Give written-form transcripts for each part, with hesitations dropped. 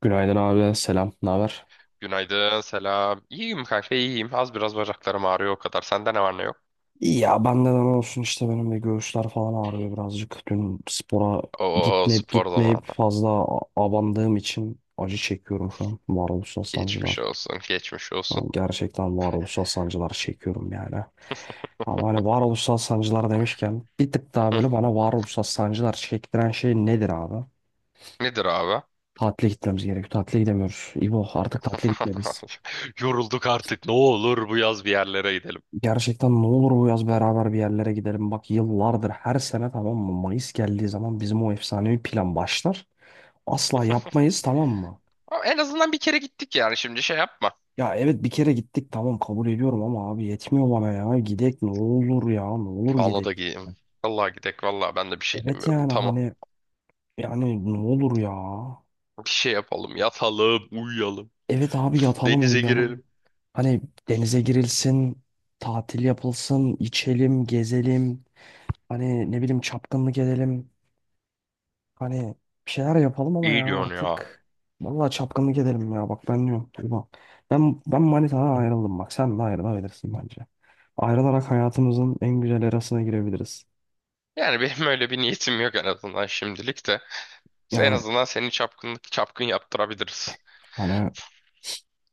Günaydın abi, selam. Ne haber? Günaydın, selam. İyiyim kanka, iyiyim. Az biraz bacaklarım ağrıyor o kadar. Sende ne var ne yok? Ya bende de ne olsun işte benim de göğüsler falan ağrıyor birazcık. Dün spora Oo, gitmeyip spor gitmeyip zamanı. fazla abandığım için acı çekiyorum şu an. Varoluşsal Geçmiş sancılar. olsun, geçmiş olsun. Yani gerçekten varoluşsal sancılar çekiyorum yani. Ama hani varoluşsal sancılar demişken bir tık daha Hı, böyle bana varoluşsal sancılar çektiren şey nedir abi? nedir abi? Tatile gitmemiz gerekiyor. Tatile gidemiyoruz. İbo artık tatile gitmeliyiz. Yorulduk artık. Ne olur bu yaz bir yerlere gidelim. Gerçekten ne olur bu yaz beraber bir yerlere gidelim. Bak yıllardır her sene tamam mı? Mayıs geldiği zaman bizim o efsanevi plan başlar. Asla yapmayız tamam mı? Ama en azından bir kere gittik yani. Şimdi şey yapma. Ya evet bir kere gittik tamam kabul ediyorum ama abi yetmiyor bana ya. Gidek ne olur ya ne olur Vallahi da gidek. gideyim. Vallahi gidek. Vallahi ben de bir şey Evet demiyorum. yani Tamam. hani yani ne olur ya. Bir şey yapalım. Yatalım, uyuyalım. Evet abi yatalım Denize uyuyalım. girelim. Hani denize girilsin, tatil yapılsın, içelim, gezelim. Hani ne bileyim çapkınlık edelim. Hani bir şeyler yapalım ama İyi ya diyorsun ya. artık. Vallahi çapkınlık edelim ya bak ben diyorum. Tuğba. Ben manitadan ayrıldım bak sen de ayrılabilirsin bence. Ayrılarak hayatımızın en güzel erasına girebiliriz. Yani benim öyle bir niyetim yok en azından şimdilik de. En Yani azından seni çapkınlık çapkın yaptırabiliriz. hani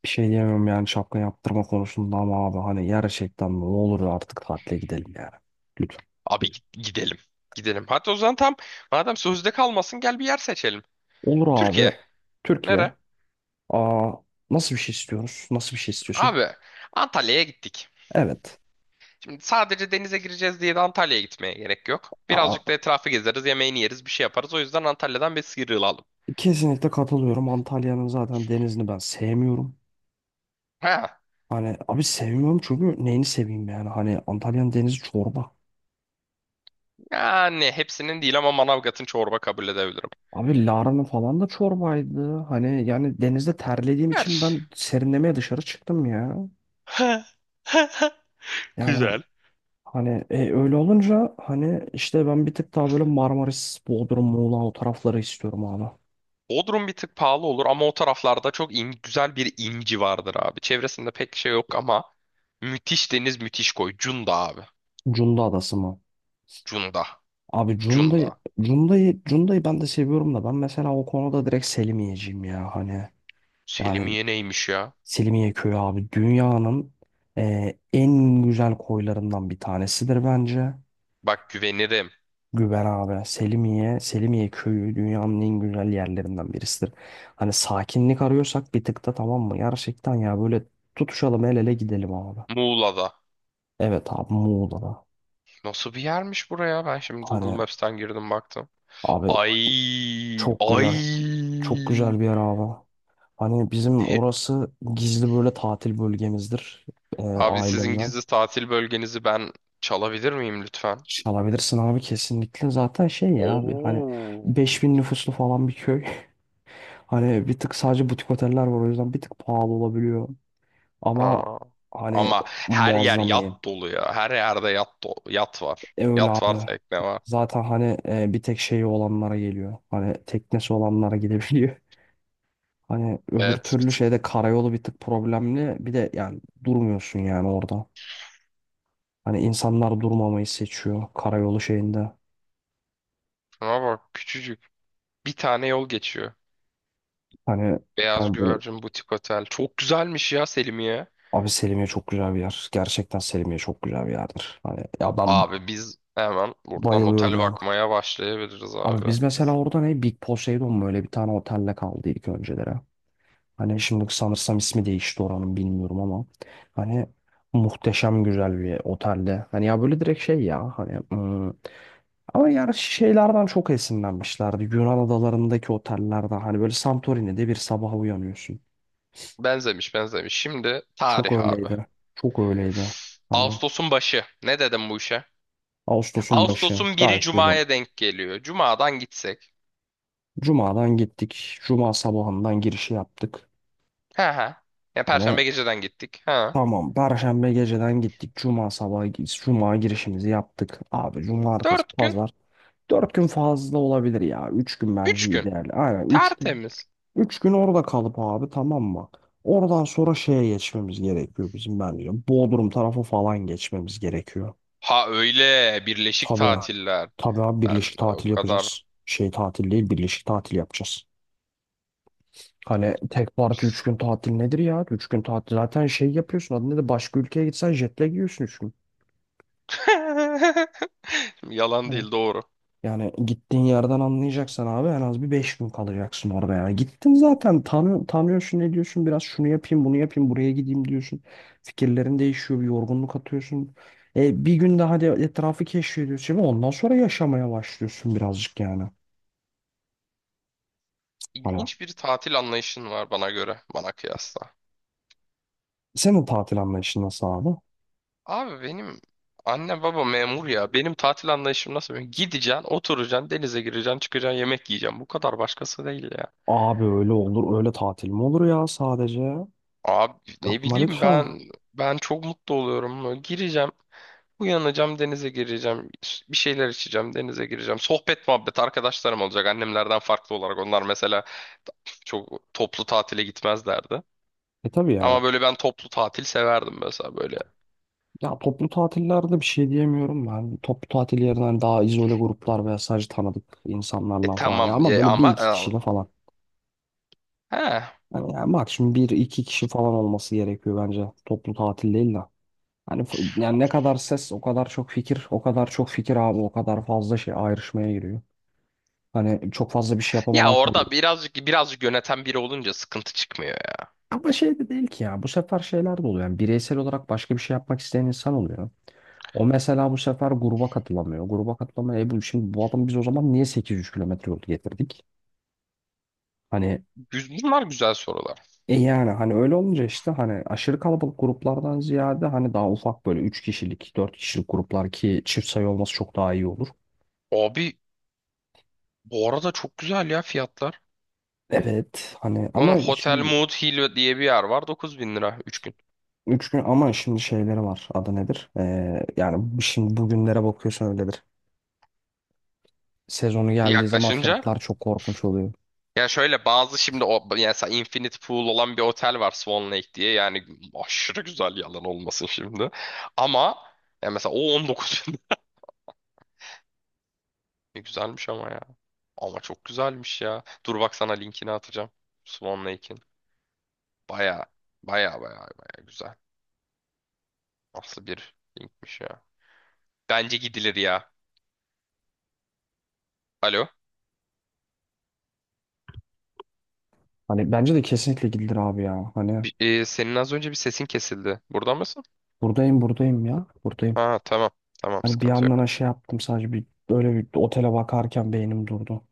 bir şey diyemem yani şapka yaptırma konusunda ama abi hani gerçekten ne olur artık tatile gidelim yani. Lütfen. Abi gidelim. Gidelim. Hatta o zaman tam, madem sözde kalmasın, gel bir yer seçelim. Olur Türkiye. abi. Nere? Türkiye. Aa, nasıl bir şey istiyoruz? Nasıl bir şey istiyorsun? Abi Antalya'ya gittik. Evet. Şimdi sadece denize gireceğiz diye de Antalya'ya gitmeye gerek yok. Birazcık da etrafı gezeriz, yemeğini yeriz, bir şey yaparız. O yüzden Antalya'dan bir sıyrılalım. Kesinlikle katılıyorum. Antalya'nın zaten denizini ben sevmiyorum. Ha, Hani abi sevmiyorum çünkü neyini seveyim yani. Hani Antalya'nın denizi çorba. yani hepsinin değil ama Manavgat'ın çorba kabul edebilirim. Abi Lara'nın falan da çorbaydı. Hani yani denizde terlediğim Her. için ben serinlemeye dışarı çıktım ya. Yani Güzel. hani öyle olunca hani işte ben bir tık daha böyle Marmaris, Bodrum, Muğla o tarafları istiyorum abi. Bodrum bir tık pahalı olur ama o taraflarda çok güzel bir inci vardır abi. Çevresinde pek şey yok ama müthiş deniz, müthiş koy. Cunda abi. Cunda Adası mı? Cunda. Abi Cunda. Cunda'yı ben de seviyorum da ben mesela o konuda direkt Selimiye'ciyim ya hani yani Selimiye neymiş ya? Selimiye Köyü abi dünyanın en güzel koylarından bir tanesidir bence. Bak güvenirim. Güven abi Selimiye, Selimiye Köyü dünyanın en güzel yerlerinden birisidir. Hani sakinlik arıyorsak bir tık da tamam mı? Gerçekten ya böyle tutuşalım el ele gidelim abi. Muğla'da. Evet abi Muğla'da. Nasıl bir yermiş buraya? Ben şimdi Google Hani Maps'ten girdim baktım. abi Ay, çok ay. güzel. Çok güzel bir yer abi. Hani bizim E, orası gizli böyle tatil bölgemizdir, Abi sizin ailemle. gizli tatil bölgenizi ben çalabilir miyim lütfen? Çalabilirsin abi kesinlikle. Zaten şey ya abi hani beş Oo. bin nüfuslu falan bir köy. Hani bir tık sadece butik oteller var o yüzden bir tık pahalı olabiliyor. Ama Aa. hani Ama her yer muazzam iyi. yat dolu ya. Her yerde yat dolu, yat var. E, öyle Yat var, abi. tekne var. Zaten hani bir tek şeyi olanlara geliyor. Hani teknesi olanlara gidebiliyor. Hani öbür Evet, bir türlü tık. şeyde karayolu bir tık problemli. Bir de yani durmuyorsun yani orada. Hani insanlar durmamayı seçiyor karayolu şeyinde. Ama bak küçücük. Bir tane yol geçiyor. Hani Beyaz yani böyle. Güvercin Butik Otel. Çok güzelmiş ya Selimiye. Abi Selimiye çok güzel bir yer. Gerçekten Selimiye çok güzel bir yerdir. Hani ya ben Abi biz hemen buradan bayılıyorum otel ya. bakmaya başlayabiliriz Abi abi. biz mesela orada ne Big Poseidon mu öyle bir tane otelle kaldıydık önceleri. Hani şimdi sanırsam ismi değişti oranın bilmiyorum ama hani muhteşem güzel bir otelde. Hani ya böyle direkt şey ya hani ama yani şeylerden çok esinlenmişlerdi. Yunan adalarındaki otellerden hani böyle Santorini'de bir sabah uyanıyorsun. Benzemiş benzemiş. Şimdi Çok tarih abi. öyleydi. Çok öyleydi. Hani Ağustos'un başı. Ne dedim bu işe? Ağustos'un başı Ağustos'un biri gayet güzel. Cuma'ya denk geliyor. Cuma'dan gitsek. Cuma'dan gittik. Cuma sabahından girişi yaptık. He he. Ya Hani Perşembe geceden gittik. Ha. tamam Perşembe geceden gittik. Cuma sabahı Cuma girişimizi yaptık. Abi cumartesi 4 gün. pazar. 4 gün fazla olabilir ya. 3 gün bence 3 gün. ideal. Aynen 3 gün. Tertemiz. 3 gün orada kalıp abi tamam mı? Oradan sonra şeye geçmemiz gerekiyor bizim bence. Bodrum tarafı falan geçmemiz gerekiyor. Ha, öyle birleşik Tabii. tatiller. Tabii abi Ben birleşik o tatil kadar. yapacağız. Şey tatil değil birleşik tatil yapacağız. Hani tek parti 3 gün tatil nedir ya? 3 gün tatil zaten şey yapıyorsun. Adı nedir? Başka ülkeye gitsen jetle giyiyorsun 3 gün. Şimdi yalan Hani değil, doğru. yani gittiğin yerden anlayacaksan abi en az bir 5 gün kalacaksın orada yani. Gittin zaten tanıyorsun ne diyorsun biraz şunu yapayım bunu yapayım buraya gideyim diyorsun. Fikirlerin değişiyor bir yorgunluk atıyorsun. E, bir gün daha de etrafı keşfediyorsun. Şimdi ondan sonra yaşamaya başlıyorsun birazcık yani. Hani İlginç bir tatil anlayışın var bana göre, bana kıyasla. senin tatil anlayışın nasıl abi? Abi benim anne baba memur ya. Benim tatil anlayışım nasıl biliyor? Gideceksin, oturacaksın, denize gireceksin, çıkacaksın, yemek yiyeceksin. Bu kadar, başkası değil ya. Abi öyle olur öyle tatil mi olur ya sadece? Abi ne Yapma bileyim, lütfen. ben çok mutlu oluyorum böyle. Gireceğim. Uyanacağım, denize gireceğim, bir şeyler içeceğim, denize gireceğim. Sohbet muhabbet arkadaşlarım olacak. Annemlerden farklı olarak onlar mesela çok toplu tatile gitmezlerdi. E tabii ya. Ama böyle ben toplu tatil severdim mesela böyle. Ya toplu tatillerde bir şey diyemiyorum ben. Toplu tatil yerine hani daha izole gruplar veya sadece tanıdık E insanlarla falan. Ya tamam ama ya böyle bir ama iki kişiyle falan. He. Hani yani maksimum bir iki kişi falan olması gerekiyor bence. Toplu tatil değil de. Hani yani ne kadar ses o kadar çok fikir. O kadar çok fikir abi o kadar fazla şey ayrışmaya giriyor. Hani çok fazla bir şey Ya yapamadan kalıyor. orada birazcık birazcık yöneten biri olunca sıkıntı çıkmıyor ya. Ama şey de değil ki ya. Bu sefer şeyler de oluyor. Yani bireysel olarak başka bir şey yapmak isteyen insan oluyor. O mesela bu sefer gruba katılamıyor. Gruba katılamıyor. E bu şimdi bu adamı biz o zaman niye 800 kilometre yol getirdik? Hani Bunlar güzel sorular. Yani hani öyle olunca işte hani aşırı kalabalık gruplardan ziyade hani daha ufak böyle 3 kişilik 4 kişilik gruplar ki çift sayı olması çok daha iyi olur. Abi bu arada çok güzel ya fiyatlar. Evet hani Bunun ama Hotel şimdi Mood Hill diye bir yer var, 9.000 lira 3 gün. 3 gün ama şimdi şeyleri var adı nedir? Yani şimdi bugünlere bakıyorsun öyledir. Sezonu geldiği zaman Yaklaşınca. fiyatlar çok korkunç oluyor. Ya şöyle bazı şimdi o, yani mesela Infinite Pool olan bir otel var Swan Lake diye. Yani aşırı güzel yalan olmasın şimdi. Ama ya mesela o 19 bin. Ne güzelmiş ama ya. Ama çok güzelmiş ya. Dur bak, sana linkini atacağım. Swan Lake'in. Baya baya baya baya güzel. Nasıl bir linkmiş ya. Bence gidilir ya. Alo. Hani bence de kesinlikle gidilir abi ya. Hani Senin az önce bir sesin kesildi. Burada mısın? buradayım buradayım ya. Buradayım. Ha tamam. Tamam, Hani bir sıkıntı yandan yok. ha şey yaptım sadece bir böyle bir otele bakarken beynim durdu.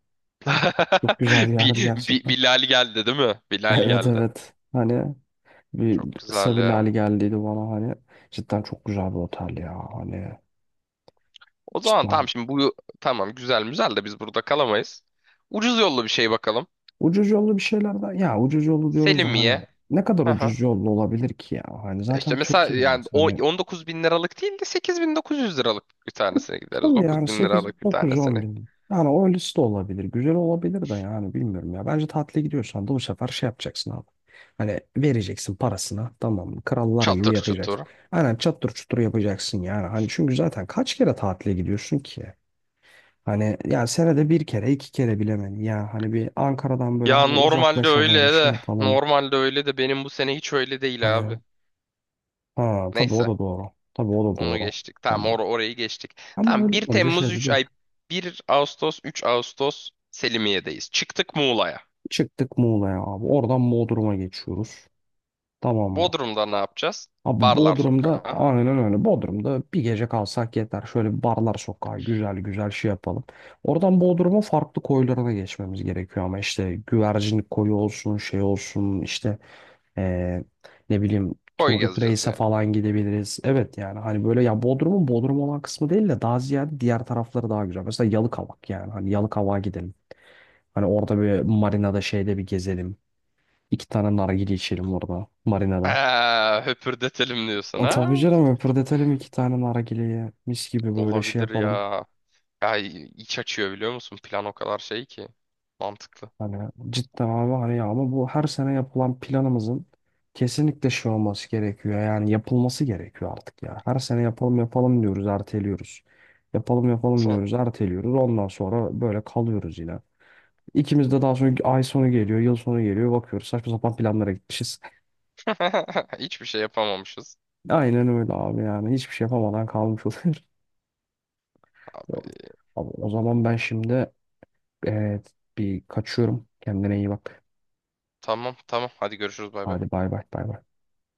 Çok güzel yerdi gerçekten. Bilal geldi değil mi? Bilal Evet geldi. evet. Hani bir Çok kısa güzel bir ya. lale geldiydi bana hani. Cidden çok güzel bir otel ya. Hani O zaman tamam, cidden. şimdi bu tamam güzel güzel de biz burada kalamayız. Ucuz yollu bir şey bakalım. Ucuz yollu bir şeylerden. Ya ucuz yollu diyoruz da hani Selimiye. ne kadar Hı hı. ucuz yollu olabilir ki ya. Hani Ya zaten İşte mesela yani Türkiye'deyiz. o Hani 19 bin liralık değil de 8.900 liralık bir tanesine gideriz. tabii yani 9 bin 8 liralık bir 9 10 tanesine. bin. Yani o liste olabilir. Güzel olabilir de yani bilmiyorum ya. Bence tatile gidiyorsan da bu sefer şey yapacaksın abi. Hani vereceksin parasına tamam mı? Krallar gibi Çatır çutur. yapacaksın. Aynen çattır çutur yapacaksın yani. Hani çünkü zaten kaç kere tatile gidiyorsun ki? Hani yani senede bir kere iki kere bilemem ya hani bir Ankara'dan böyle Ya hani normalde uzaklaşalım öyle şey de yapalım. normalde öyle de benim bu sene hiç öyle değil abi. Hani ha tabii o Neyse, da doğru. Tabii o da onu doğru. geçtik. Hani Tamam, orayı geçtik. ama Tamam, öyle bir olunca Temmuz şey de üç değil. ay 1 Ağustos 3 Ağustos Selimiye'deyiz. Çıktık Muğla'ya. Çıktık Muğla'ya abi. Oradan Bodrum'a geçiyoruz. Tamam mı? Bodrum'da ne yapacağız? Abi Barlar Bodrum'da sokağı. aynen öyle. Bodrum'da bir gece kalsak yeter. Şöyle bir barlar sokağı güzel güzel şey yapalım. Oradan Bodrum'un farklı koylarına geçmemiz gerekiyor ama işte güvercin koyu olsun şey olsun işte eee, ne bileyim Koy Turgut gezeceğiz Reis'e yani. falan gidebiliriz. Evet yani hani böyle ya Bodrum'un Bodrum olan kısmı değil de daha ziyade diğer tarafları daha güzel. Mesela Yalıkavak yani hani Yalıkavak'a gidelim. Hani orada bir marinada şeyde bir gezelim. İki tane nargile içelim orada. Marina'da. Ha, höpürdetelim diyorsun E, tabii ha? canım öpürdetelim iki tane nargileyi. Mis gibi böyle şey Olabilir yapalım. ya. Ya iç açıyor, biliyor musun? Plan o kadar şey ki. Mantıklı. Hani cidden abi hani ya ama bu her sene yapılan planımızın kesinlikle şey olması gerekiyor. Yani yapılması gerekiyor artık ya. Her sene yapalım yapalım diyoruz erteliyoruz. Yapalım yapalım Son. diyoruz erteliyoruz. Ondan sonra böyle kalıyoruz yine. İkimiz de daha sonra ay sonu geliyor, yıl sonu geliyor. Bakıyoruz saçma sapan planlara gitmişiz. Hiçbir şey yapamamışız. Aynen öyle abi yani. Hiçbir şey yapamadan kalmış oluyoruz. Abi Yok. Abi, o zaman ben şimdi e, bir kaçıyorum. Kendine iyi bak. tamam tamam, hadi görüşürüz, bay bay. Hadi bay bay bay bay.